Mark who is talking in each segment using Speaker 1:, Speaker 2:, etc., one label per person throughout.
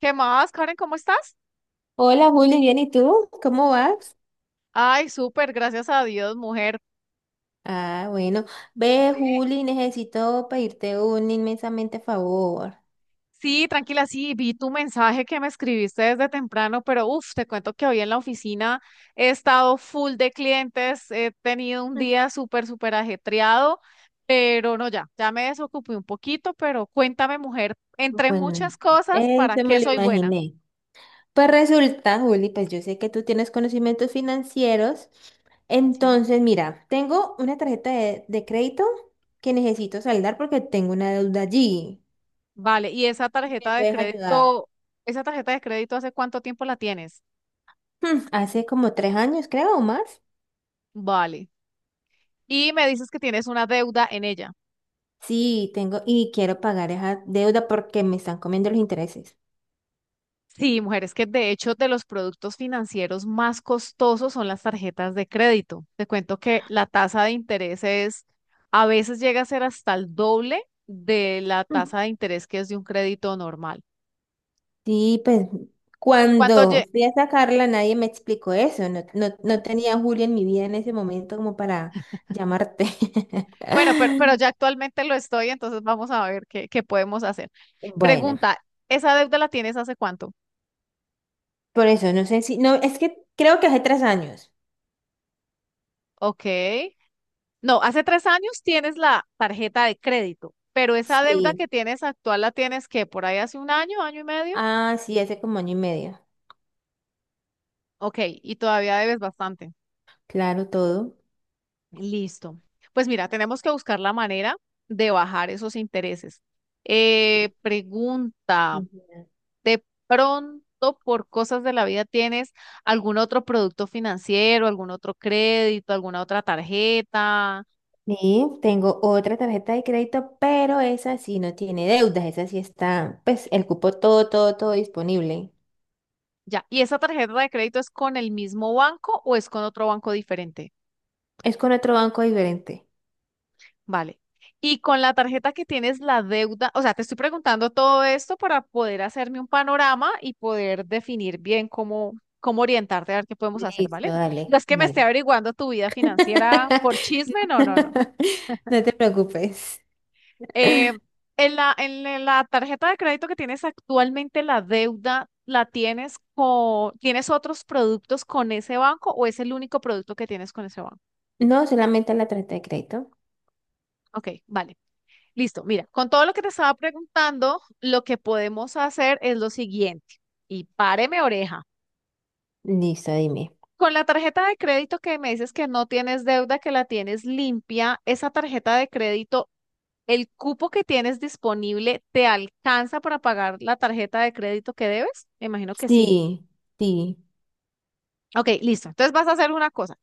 Speaker 1: ¿Qué más, Karen? ¿Cómo estás?
Speaker 2: Hola Juli, bien, ¿y tú? ¿Cómo vas?
Speaker 1: Ay, súper, gracias a Dios, mujer.
Speaker 2: Ah, bueno. Ve,
Speaker 1: Ve-
Speaker 2: Juli, necesito pedirte un inmensamente favor.
Speaker 1: Sí, tranquila, sí, vi tu mensaje que me escribiste desde temprano, pero uff, te cuento que hoy en la oficina he estado full de clientes, he tenido un
Speaker 2: Mm.
Speaker 1: día súper, súper ajetreado, pero no, ya, ya me desocupé un poquito, pero cuéntame, mujer, entre
Speaker 2: Bueno,
Speaker 1: muchas cosas, ¿para
Speaker 2: eso me
Speaker 1: qué
Speaker 2: lo
Speaker 1: soy buena?
Speaker 2: imaginé. Pues resulta, Juli, pues yo sé que tú tienes conocimientos financieros.
Speaker 1: Sí.
Speaker 2: Entonces, mira, tengo una tarjeta de crédito que necesito saldar porque tengo una deuda allí.
Speaker 1: Vale, ¿y esa
Speaker 2: Si me
Speaker 1: tarjeta de
Speaker 2: puedes ayudar.
Speaker 1: crédito, esa tarjeta de crédito, hace cuánto tiempo la tienes?
Speaker 2: Hace como tres años, creo, o más.
Speaker 1: Vale. Y me dices que tienes una deuda en ella.
Speaker 2: Sí, tengo y quiero pagar esa deuda porque me están comiendo los intereses.
Speaker 1: Sí, mujeres, que de hecho de los productos financieros más costosos son las tarjetas de crédito. Te cuento que la tasa de interés es, a veces llega a ser hasta el doble de la tasa de interés que es de un crédito normal.
Speaker 2: Sí, pues
Speaker 1: ¿Y cuánto
Speaker 2: cuando
Speaker 1: lle-
Speaker 2: fui a sacarla nadie me explicó eso. No tenía a Julia en mi vida en ese momento como para llamarte.
Speaker 1: Bueno, pero ya actualmente lo estoy, entonces vamos a ver qué, qué podemos hacer.
Speaker 2: Bueno,
Speaker 1: Pregunta, ¿esa deuda la tienes hace cuánto?
Speaker 2: por eso, no sé si... No, es que creo que hace tres años.
Speaker 1: Ok. No, hace 3 años tienes la tarjeta de crédito, pero esa deuda que
Speaker 2: Sí.
Speaker 1: tienes actual la tienes que por ahí hace un año, año y medio.
Speaker 2: Ah, sí, hace como año y medio.
Speaker 1: Ok, y todavía debes bastante.
Speaker 2: Claro, todo.
Speaker 1: Listo. Pues mira, tenemos que buscar la manera de bajar esos intereses. Pregunta,
Speaker 2: Ujú.
Speaker 1: ¿de pronto por cosas de la vida tienes algún otro producto financiero, algún otro crédito, alguna otra tarjeta?
Speaker 2: Sí, tengo otra tarjeta de crédito, pero esa sí no tiene deudas. Esa sí está, pues, el cupo todo disponible.
Speaker 1: Ya, ¿y esa tarjeta de crédito es con el mismo banco o es con otro banco diferente?
Speaker 2: Es con otro banco diferente.
Speaker 1: Vale. Y con la tarjeta que tienes la deuda, o sea, te estoy preguntando todo esto para poder hacerme un panorama y poder definir bien cómo, cómo orientarte a ver qué podemos hacer, ¿vale?
Speaker 2: Listo, dale,
Speaker 1: No es que me esté
Speaker 2: vale.
Speaker 1: averiguando tu vida financiera por chisme, no, no, no.
Speaker 2: No te preocupes.
Speaker 1: Eh, en la, en la tarjeta de crédito que tienes actualmente, la deuda, ¿la tienes con, tienes otros productos con ese banco o es el único producto que tienes con ese banco?
Speaker 2: No, solamente la tarjeta de crédito.
Speaker 1: Ok, vale. Listo, mira, con todo lo que te estaba preguntando, lo que podemos hacer es lo siguiente, y páreme oreja.
Speaker 2: Listo, dime.
Speaker 1: Con la tarjeta de crédito que me dices que no tienes deuda, que la tienes limpia, esa tarjeta de crédito, ¿el cupo que tienes disponible te alcanza para pagar la tarjeta de crédito que debes? Me imagino que sí.
Speaker 2: Sí, sí.
Speaker 1: Ok, listo. Entonces vas a hacer una cosa.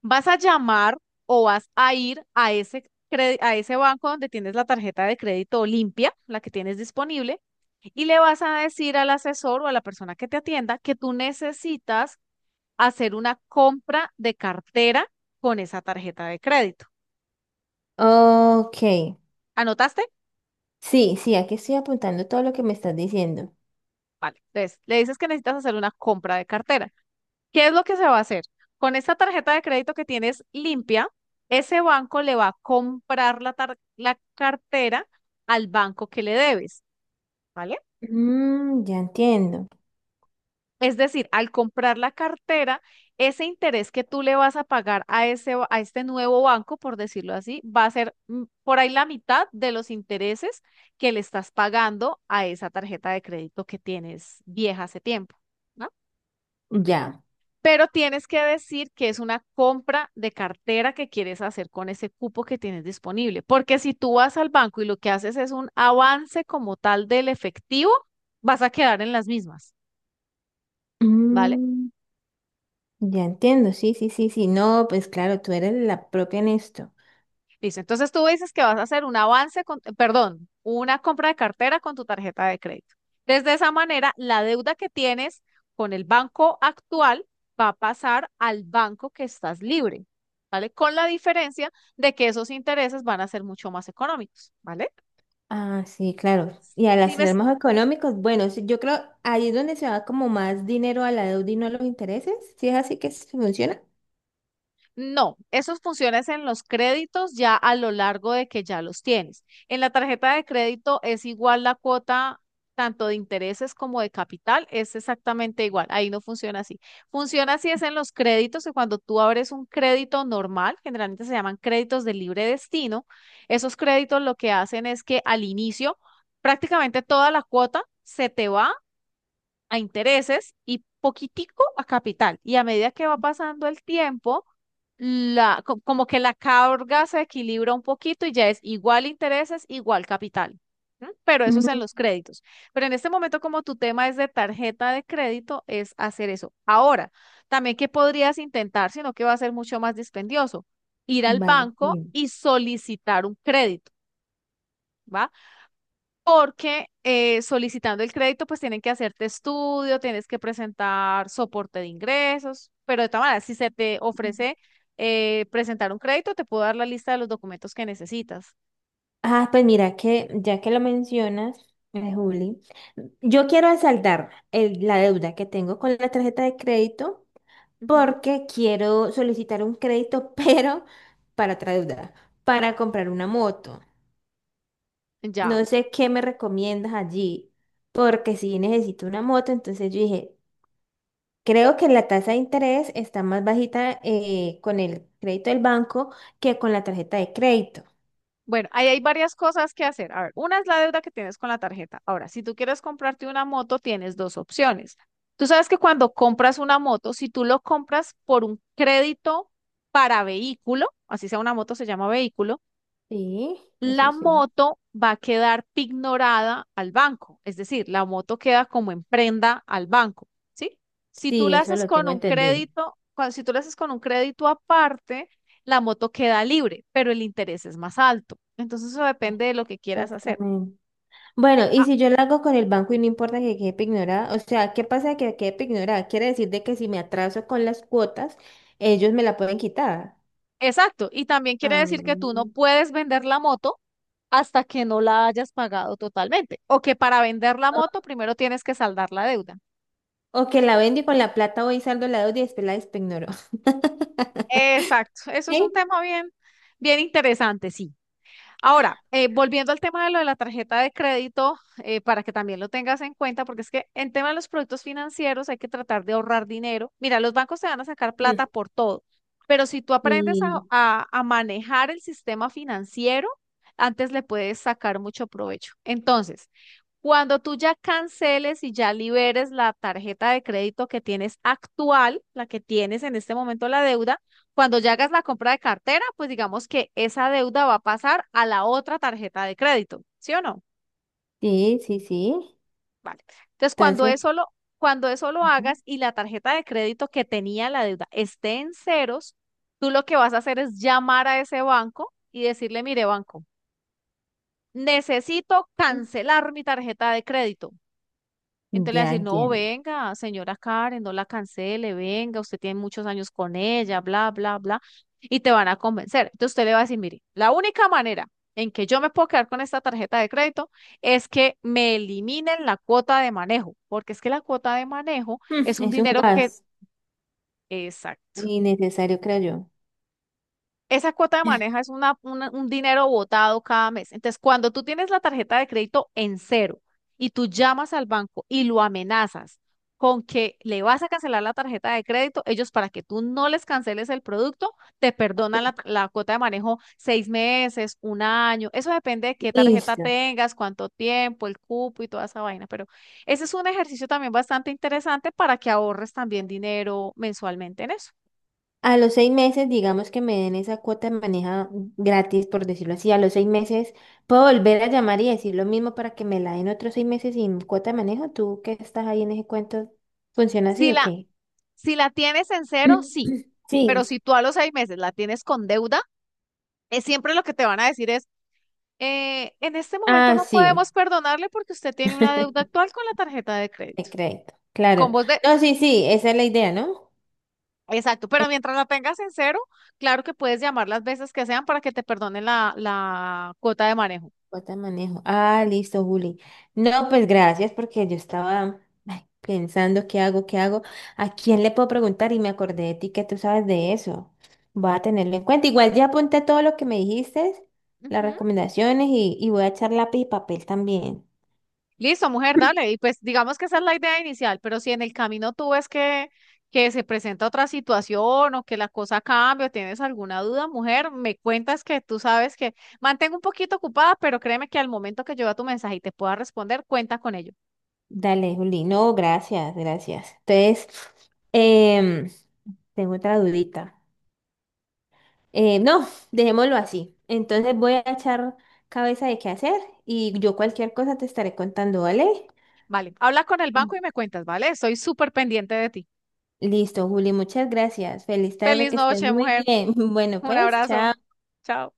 Speaker 1: Vas a llamar o vas a ir a ese, a ese banco donde tienes la tarjeta de crédito limpia, la que tienes disponible, y le vas a decir al asesor o a la persona que te atienda que tú necesitas hacer una compra de cartera con esa tarjeta de crédito.
Speaker 2: Ok.
Speaker 1: ¿Anotaste?
Speaker 2: Sí, sí, aquí estoy apuntando todo lo que me estás diciendo.
Speaker 1: Vale. Entonces, le dices que necesitas hacer una compra de cartera. ¿Qué es lo que se va a hacer? Con esta tarjeta de crédito que tienes limpia, ese banco le va a comprar la, la cartera al banco que le debes, ¿vale?
Speaker 2: Mm, ya entiendo.
Speaker 1: Es decir, al comprar la cartera, ese interés que tú le vas a pagar a ese, a este nuevo banco, por decirlo así, va a ser por ahí la mitad de los intereses que le estás pagando a esa tarjeta de crédito que tienes vieja hace tiempo, ¿no?
Speaker 2: Ya.
Speaker 1: Pero tienes que decir que es una compra de cartera que quieres hacer con ese cupo que tienes disponible, porque si tú vas al banco y lo que haces es un avance como tal del efectivo, vas a quedar en las mismas, ¿vale?
Speaker 2: Mm, ya entiendo. Sí. No, pues claro, tú eres la propia en esto.
Speaker 1: Listo. Entonces tú dices que vas a hacer un avance con, perdón, una compra de cartera con tu tarjeta de crédito. Desde esa manera, la deuda que tienes con el banco actual va a pasar al banco que estás libre, ¿vale? Con la diferencia de que esos intereses van a ser mucho más económicos, ¿vale?
Speaker 2: Ah, sí, claro. Y al
Speaker 1: Dime.
Speaker 2: hacer más económicos, bueno, sí, yo creo ahí es donde se va como más dinero a la deuda y no a los intereses. Si es así que se funciona.
Speaker 1: No, esos funciones en los créditos ya a lo largo de que ya los tienes. En la tarjeta de crédito es igual la cuota tanto de intereses como de capital, es exactamente igual. Ahí no funciona así. Funciona así es en los créditos, que cuando tú abres un crédito normal, generalmente se llaman créditos de libre destino, esos créditos lo que hacen es que al inicio prácticamente toda la cuota se te va a intereses y poquitico a capital. Y a medida que va pasando el tiempo, la, como que la carga se equilibra un poquito y ya es igual intereses, igual capital. ¿M? Pero eso es en
Speaker 2: Mm.
Speaker 1: los créditos. Pero en este momento, como tu tema es de tarjeta de crédito, es hacer eso. Ahora, también que podrías intentar, sino que va a ser mucho más dispendioso, ir al
Speaker 2: Vale,
Speaker 1: banco
Speaker 2: bien.
Speaker 1: y solicitar un crédito, ¿va? Porque solicitando el crédito, pues tienen que hacerte estudio, tienes que presentar soporte de ingresos, pero de todas maneras, si se te ofrece presentar un crédito, te puedo dar la lista de los documentos que necesitas.
Speaker 2: Ah, pues mira que ya que lo mencionas, Juli, yo quiero asaltar la deuda que tengo con la tarjeta de crédito
Speaker 1: Ujú.
Speaker 2: porque quiero solicitar un crédito, pero para otra deuda, para comprar una moto.
Speaker 1: Ya.
Speaker 2: No sé qué me recomiendas allí, porque si necesito una moto, entonces yo dije, creo que la tasa de interés está más bajita con el crédito del banco que con la tarjeta de crédito.
Speaker 1: Bueno, ahí hay varias cosas que hacer. A ver, una es la deuda que tienes con la tarjeta. Ahora, si tú quieres comprarte una moto, tienes dos opciones. Tú sabes que cuando compras una moto, si tú lo compras por un crédito para vehículo, así sea una moto, se llama vehículo,
Speaker 2: Sí,
Speaker 1: la
Speaker 2: eso sí.
Speaker 1: moto va a quedar pignorada al banco, es decir, la moto queda como en prenda al banco, ¿sí? Si tú
Speaker 2: Sí,
Speaker 1: la
Speaker 2: eso
Speaker 1: haces
Speaker 2: lo
Speaker 1: con
Speaker 2: tengo
Speaker 1: un
Speaker 2: entendido.
Speaker 1: crédito, cuando, si tú la haces con un crédito aparte, la moto queda libre, pero el interés es más alto. Entonces eso depende de lo que quieras hacer.
Speaker 2: Exactamente. Bueno, y si yo lo hago con el banco y no importa que quede ignorada, o sea, ¿qué pasa que quede ignorada? Quiere decir de que si me atraso con las cuotas, ellos me la pueden quitar.
Speaker 1: Exacto, y también quiere
Speaker 2: Ah,
Speaker 1: decir que tú no puedes vender la moto hasta que no la hayas pagado totalmente, o que para vender la moto
Speaker 2: O
Speaker 1: primero tienes que saldar la deuda.
Speaker 2: o que la vendo y con la plata voy saldo la deuda y después la despignoro.
Speaker 1: Exacto, eso es
Speaker 2: ¿Sí?
Speaker 1: un tema bien, bien interesante, sí. Ahora, volviendo al tema de lo de la tarjeta de crédito, para que también lo tengas en cuenta, porque es que en tema de los productos financieros hay que tratar de ahorrar dinero. Mira, los bancos te van a sacar
Speaker 2: Mm.
Speaker 1: plata por todo, pero si tú aprendes a,
Speaker 2: Sí,
Speaker 1: a manejar el sistema financiero, antes le puedes sacar mucho provecho. Entonces, cuando tú ya canceles y ya liberes la tarjeta de crédito que tienes actual, la que tienes en este momento la deuda, cuando ya hagas la compra de cartera, pues digamos que esa deuda va a pasar a la otra tarjeta de crédito, ¿sí o no?
Speaker 2: sí.
Speaker 1: Vale. Entonces,
Speaker 2: Entonces,
Speaker 1: cuando eso lo
Speaker 2: ujú,
Speaker 1: hagas y la tarjeta de crédito que tenía la deuda esté en ceros, tú lo que vas a hacer es llamar a ese banco y decirle, mire, banco, necesito cancelar mi tarjeta de crédito. Entonces le va a
Speaker 2: ya
Speaker 1: decir, no,
Speaker 2: entiendo.
Speaker 1: venga, señora Karen, no la cancele, venga, usted tiene muchos años con ella, bla, bla, bla, y te van a convencer. Entonces usted le va a decir, mire, la única manera en que yo me puedo quedar con esta tarjeta de crédito es que me eliminen la cuota de manejo, porque es que la cuota de manejo
Speaker 2: Mm,
Speaker 1: es un
Speaker 2: es un
Speaker 1: dinero que,
Speaker 2: gas
Speaker 1: exacto,
Speaker 2: innecesario, creo yo.
Speaker 1: esa cuota de maneja es una, un dinero botado cada mes. Entonces, cuando tú tienes la tarjeta de crédito en cero y tú llamas al banco y lo amenazas con que le vas a cancelar la tarjeta de crédito, ellos para que tú no les canceles el producto, te perdonan la, la cuota de manejo 6 meses, un año. Eso depende de qué tarjeta
Speaker 2: Listo.
Speaker 1: tengas, cuánto tiempo, el cupo y toda esa vaina. Pero ese es un ejercicio también bastante interesante para que ahorres también dinero mensualmente en eso.
Speaker 2: A los seis meses, digamos que me den esa cuota de maneja gratis, por decirlo así. A los seis meses puedo volver a llamar y decir lo mismo para que me la den otros seis meses sin cuota de manejo. ¿Tú que estás ahí en ese cuento? ¿Funciona así
Speaker 1: Si
Speaker 2: o
Speaker 1: la,
Speaker 2: qué?
Speaker 1: Si la tienes en cero, sí, pero
Speaker 2: Sí.
Speaker 1: si tú a los 6 meses la tienes con deuda, es siempre lo que te van a decir es, en este momento
Speaker 2: Ah,
Speaker 1: no
Speaker 2: sí.
Speaker 1: podemos perdonarle porque usted tiene una deuda actual con la tarjeta de
Speaker 2: Te
Speaker 1: crédito.
Speaker 2: creo.
Speaker 1: Con
Speaker 2: Claro.
Speaker 1: vos de,
Speaker 2: No, sí, sí, esa es la idea, ¿no?
Speaker 1: exacto, pero mientras la tengas en cero, claro que puedes llamar las veces que sean para que te perdonen la, la cuota de manejo.
Speaker 2: Bota de manejo. Ah, listo, Juli. No, pues gracias porque yo estaba ay, pensando qué hago, a quién le puedo preguntar y me acordé de ti que tú sabes de eso. Voy a tenerlo en cuenta. Igual ya apunté todo lo que me dijiste, las
Speaker 1: Ujú.
Speaker 2: recomendaciones y voy a echar lápiz y papel también.
Speaker 1: Listo, mujer, dale. Y pues digamos que esa es la idea inicial, pero si en el camino tú ves que se presenta otra situación o que la cosa cambia o tienes alguna duda, mujer, me cuentas que tú sabes que mantengo un poquito ocupada, pero créeme que al momento que yo vea tu mensaje y te pueda responder, cuenta con ello.
Speaker 2: Dale, Juli. No, gracias, gracias. Entonces, em, tengo otra dudita. No, dejémoslo así. Entonces voy a echar cabeza de qué hacer y yo cualquier cosa te estaré contando, ¿vale?
Speaker 1: Vale, habla con el banco y me cuentas, ¿vale? Estoy súper pendiente de ti.
Speaker 2: Listo, Juli, muchas gracias. Feliz tarde,
Speaker 1: Feliz
Speaker 2: que estés
Speaker 1: noche,
Speaker 2: muy
Speaker 1: mujer.
Speaker 2: bien. Bueno,
Speaker 1: Un
Speaker 2: pues,
Speaker 1: abrazo.
Speaker 2: chao.
Speaker 1: Chao.